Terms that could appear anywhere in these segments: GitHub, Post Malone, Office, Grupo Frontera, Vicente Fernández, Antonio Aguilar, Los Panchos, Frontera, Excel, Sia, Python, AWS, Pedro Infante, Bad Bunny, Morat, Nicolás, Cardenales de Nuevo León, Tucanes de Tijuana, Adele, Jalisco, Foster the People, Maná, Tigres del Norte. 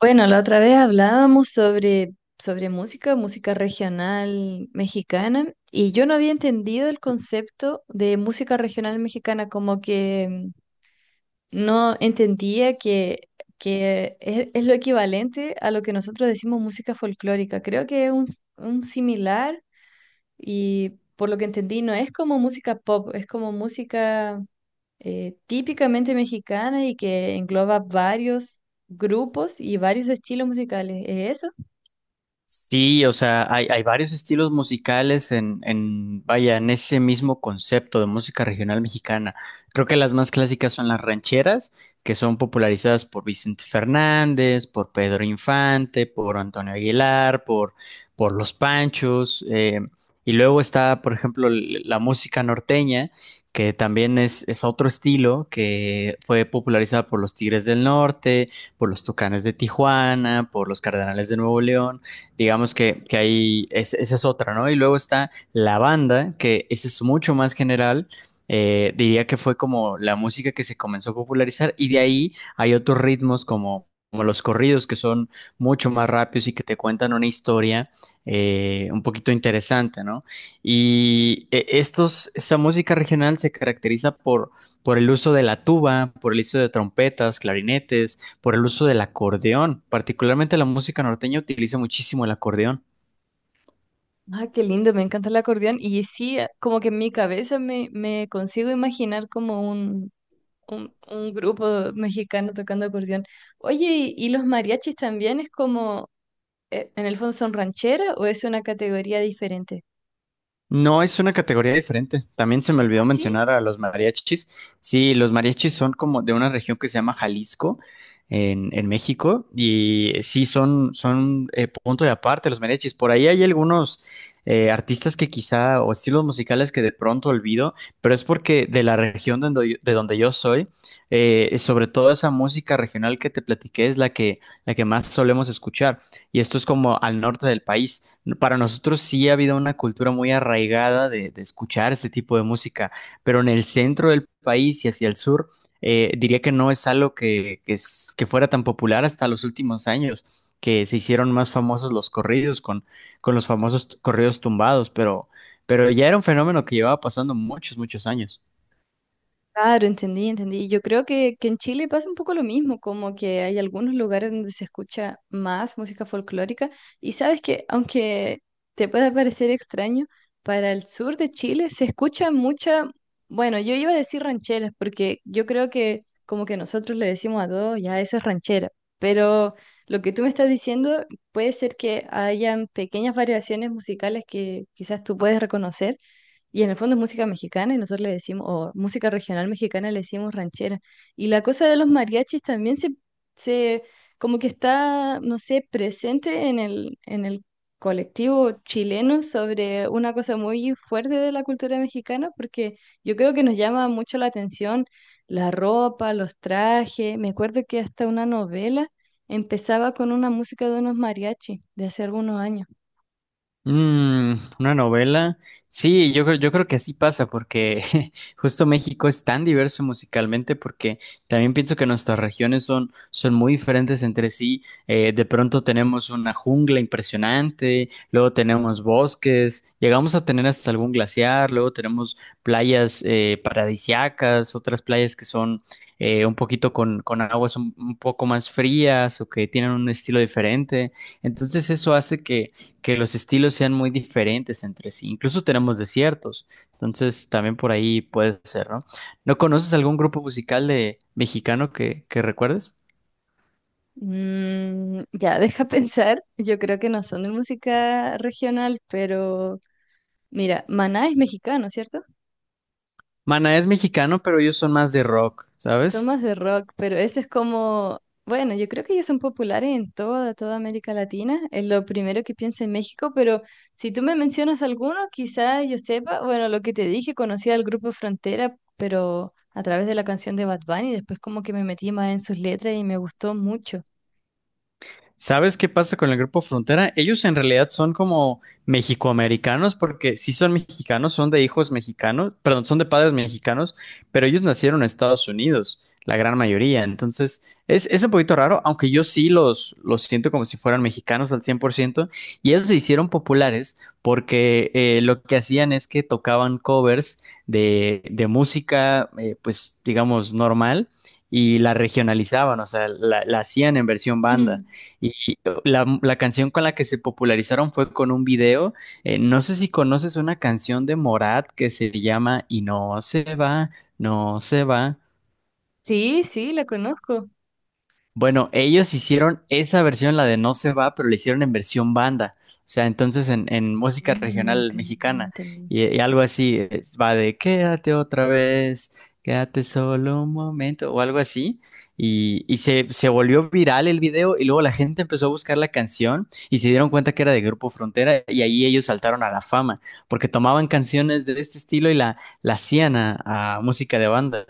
Bueno, la otra vez hablábamos sobre música, música regional mexicana, y yo no había entendido el concepto de música regional mexicana, como que no entendía que es lo equivalente a lo que nosotros decimos música folclórica. Creo que es un similar, y por lo que entendí, no es como música pop, es como música típicamente mexicana y que engloba varios grupos y varios estilos musicales. ¿Es eso? Sí, o sea, hay varios estilos musicales en en ese mismo concepto de música regional mexicana. Creo que las más clásicas son las rancheras, que son popularizadas por Vicente Fernández, por Pedro Infante, por Antonio Aguilar, por Los Panchos. Y luego está, por ejemplo, la música norteña, que también es otro estilo que fue popularizada por los Tigres del Norte, por los Tucanes de Tijuana, por los Cardenales de Nuevo León. Digamos que ahí es, esa es otra, ¿no? Y luego está la banda, que esa es mucho más general. Diría que fue como la música que se comenzó a popularizar, y de ahí hay otros ritmos como los corridos, que son mucho más rápidos y que te cuentan una historia un poquito interesante, ¿no? Y esta música regional se caracteriza por el uso de la tuba, por el uso de trompetas, clarinetes, por el uso del acordeón. Particularmente la música norteña utiliza muchísimo el acordeón. Ah, qué lindo, me encanta el acordeón. Y sí, como que en mi cabeza me consigo imaginar como un, un grupo mexicano tocando acordeón. Oye, ¿y los mariachis también es como, en el fondo son ranchera o es una categoría diferente? No, es una categoría diferente. También se me olvidó Ah, sí. mencionar a los mariachis. Sí, los mariachis son como de una región que se llama Jalisco, en México, y sí son punto de aparte los mariachis. Por ahí hay algunos artistas que quizá, o estilos musicales que de pronto olvido, pero es porque de la región de de donde yo soy, sobre todo esa música regional que te platiqué es la que más solemos escuchar, y esto es como al norte del país. Para nosotros sí ha habido una cultura muy arraigada de escuchar este tipo de música, pero en el centro del país y hacia el sur, diría que no es algo que fuera tan popular hasta los últimos años, que se hicieron más famosos los corridos con los famosos corridos tumbados, pero ya era un fenómeno que llevaba pasando muchos, muchos años. Claro, entendí. Yo creo que en Chile pasa un poco lo mismo, como que hay algunos lugares donde se escucha más música folclórica y sabes que aunque te pueda parecer extraño, para el sur de Chile se escucha mucha, bueno, yo iba a decir rancheras porque yo creo que como que nosotros le decimos a todos, ya eso es ranchera, pero lo que tú me estás diciendo puede ser que hayan pequeñas variaciones musicales que quizás tú puedes reconocer y en el fondo es música mexicana y nosotros le decimos, o música regional mexicana le decimos ranchera. Y la cosa de los mariachis también se como que está, no sé, presente en el colectivo chileno sobre una cosa muy fuerte de la cultura mexicana, porque yo creo que nos llama mucho la atención la ropa, los trajes. Me acuerdo que hasta una novela empezaba con una música de unos mariachis de hace algunos años. Mm, una novela. Sí, yo creo que así pasa porque justo México es tan diverso musicalmente, porque también pienso que nuestras regiones son muy diferentes entre sí. De pronto tenemos una jungla impresionante, luego tenemos bosques, llegamos a tener hasta algún glaciar, luego tenemos playas paradisiacas, otras playas que son un poquito con aguas un poco más frías o que tienen un estilo diferente. Entonces eso hace que los estilos sean muy diferentes entre sí. Incluso tenemos desiertos, entonces también por ahí puede ser, ¿no? ¿No conoces algún grupo musical de mexicano que recuerdes? Mm, ya, deja pensar. Yo creo que no son de música regional, pero mira, Maná es mexicano, ¿cierto? Maná es mexicano, pero ellos son más de rock, Son ¿sabes? más de rock, pero ese es como, bueno, yo creo que ellos son populares en toda, toda América Latina. Es lo primero que pienso en México, pero si tú me mencionas alguno, quizá yo sepa, bueno, lo que te dije, conocí al grupo Frontera, pero a través de la canción de Bad Bunny, después como que me metí más en sus letras y me gustó mucho. ¿Sabes qué pasa con el Grupo Frontera? Ellos en realidad son como mexicoamericanos, porque sí son mexicanos, son de hijos mexicanos, perdón, son de padres mexicanos, pero ellos nacieron en Estados Unidos, la gran mayoría. Entonces, es un poquito raro, aunque yo sí los siento como si fueran mexicanos al 100%. Y ellos se hicieron populares porque lo que hacían es que tocaban covers de música, pues digamos, normal, y la regionalizaban, o sea, la hacían en versión banda. Ujú. Y la canción con la que se popularizaron fue con un video. No sé si conoces una canción de Morat que se llama Y no se va, no se va. Sí, sí, la conozco. Bueno, ellos hicieron esa versión, la de No se va, pero la hicieron en versión banda. O sea, entonces en música Mm, regional entendí, mexicana, entendí. y algo así, va de quédate otra vez, quédate solo un momento o algo así. Y se volvió viral el video, y luego la gente empezó a buscar la canción y se dieron cuenta que era de Grupo Frontera, y ahí ellos saltaron a la fama porque tomaban canciones de este estilo y la hacían a música de banda.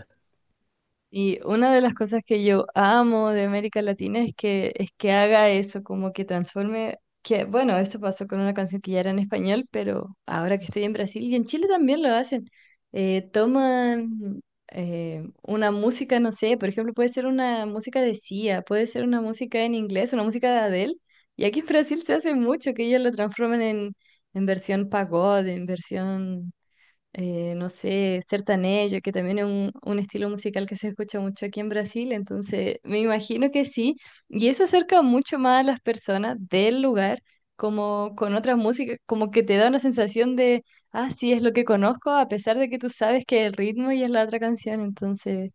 Y una de las cosas que yo amo de América Latina es es que haga eso, como que transforme, que bueno, esto pasó con una canción que ya era en español, pero ahora que estoy en Brasil y en Chile también lo hacen, toman una música, no sé, por ejemplo, puede ser una música de Sia, puede ser una música en inglés, una música de Adele, y aquí en Brasil se hace mucho que ellos lo transformen en versión pagode, en versión no sé, sertanejo, que también es un estilo musical que se escucha mucho aquí en Brasil, entonces me imagino que sí, y eso acerca mucho más a las personas del lugar, como con otras músicas, como que te da una sensación de, ah, sí, es lo que conozco, a pesar de que tú sabes que el ritmo y es la otra canción, entonces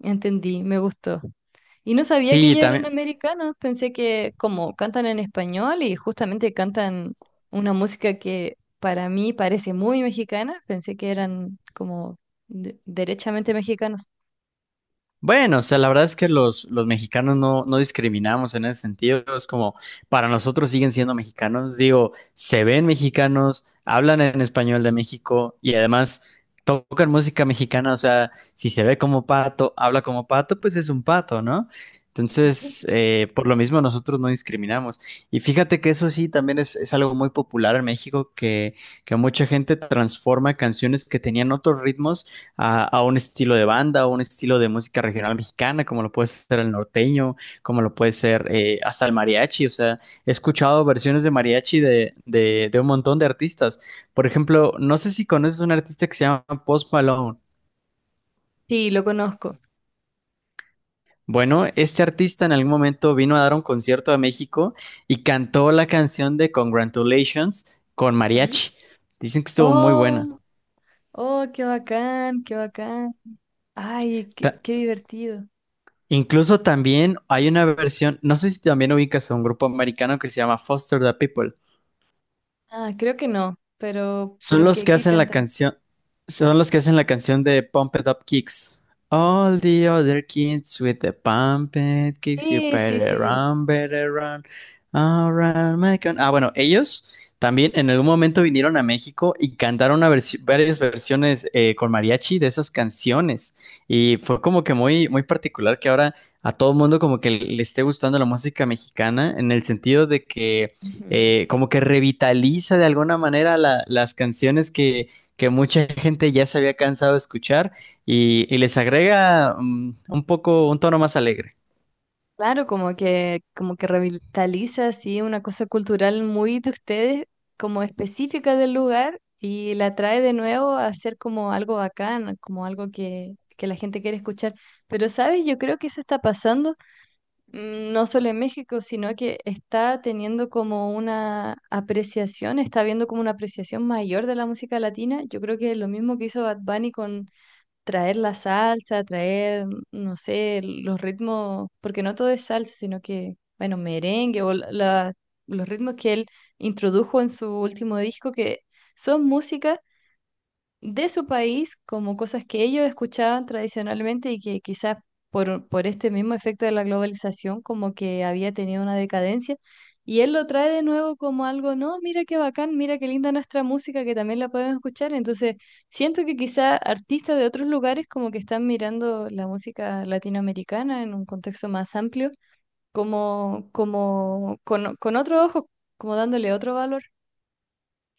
entendí, me gustó. Y no sabía que Sí, ellos eran también. americanos, pensé que como cantan en español y justamente cantan una música que para mí parece muy mexicana, pensé que eran como derechamente mexicanos. Bueno, o sea, la verdad es que los mexicanos no discriminamos en ese sentido. Es como, para nosotros siguen siendo mexicanos. Digo, se ven mexicanos, hablan en español de México y además tocan música mexicana. O sea, si se ve como pato, habla como pato, pues es un pato, ¿no? Entonces, por lo mismo nosotros no discriminamos. Y fíjate que eso sí también es algo muy popular en México, que mucha gente transforma canciones que tenían otros ritmos a un estilo de banda o un estilo de música regional mexicana, como lo puede ser el norteño, como lo puede ser hasta el mariachi. O sea, he escuchado versiones de mariachi de un montón de artistas. Por ejemplo, no sé si conoces un artista que se llama Post Malone. Sí, lo conozco. Bueno, este artista en algún momento vino a dar un concierto a México y cantó la canción de Congratulations con Ujú. mariachi. Dicen que estuvo muy buena. Oh, oh, qué bacán, qué bacán. Ay, qué, Ta- qué divertido. Incluso también hay una versión, no sé si también ubicas a un grupo americano que se llama Foster the People. Ah, creo que no, Son pero los ¿qué, que qué hacen la cantan? canción, Son los que hacen la canción de Pump It Up Kicks. All the other kids with the pump it kicks, you Sí, sí, sí. Better run, around my Ah, bueno, ellos también en algún momento vinieron a México y cantaron una varias versiones con mariachi de esas canciones. Y fue como que muy, muy particular que ahora a todo el mundo como que le esté gustando la música mexicana, en el sentido de que Ujú. Como que revitaliza de alguna manera las canciones que mucha gente ya se había cansado de escuchar, y les agrega un poco un tono más alegre. Claro, como que revitaliza así una cosa cultural muy de ustedes, como específica del lugar, y la trae de nuevo a ser como algo bacán, como algo que la gente quiere escuchar. Pero, ¿sabes? Yo creo que eso está pasando, no solo en México, sino que está teniendo como una apreciación, está viendo como una apreciación mayor de la música latina. Yo creo que lo mismo que hizo Bad Bunny con traer la salsa, traer, no sé, los ritmos, porque no todo es salsa, sino que, bueno, merengue o los ritmos que él introdujo en su último disco, que son músicas de su país como cosas que ellos escuchaban tradicionalmente y que quizás por este mismo efecto de la globalización como que había tenido una decadencia. Y él lo trae de nuevo como algo, no, mira qué bacán, mira qué linda nuestra música que también la podemos escuchar. Entonces, siento que quizás artistas de otros lugares como que están mirando la música latinoamericana en un contexto más amplio, como, como con otro ojo, como dándole otro valor.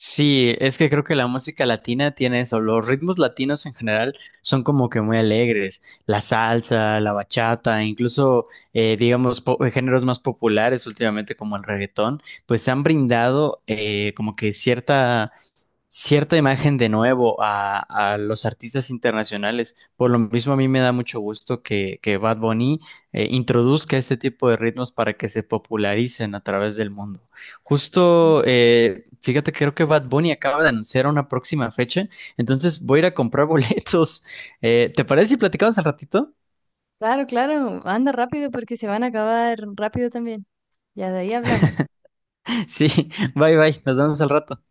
Sí, es que creo que la música latina tiene eso, los ritmos latinos en general son como que muy alegres, la salsa, la bachata, incluso digamos géneros más populares últimamente como el reggaetón, pues se han brindado como que cierta cierta imagen de nuevo a los artistas internacionales. Por lo mismo, a mí me da mucho gusto que Bad Bunny introduzca este tipo de ritmos para que se popularicen a través del mundo. Justo, fíjate, creo que Bad Bunny acaba de anunciar una próxima fecha, entonces voy a ir a comprar boletos. ¿Te parece si platicamos al ratito? Claro, claro, anda rápido porque se van a acabar rápido también. Ya de ahí hablamos. Sí, bye bye, nos vemos al rato.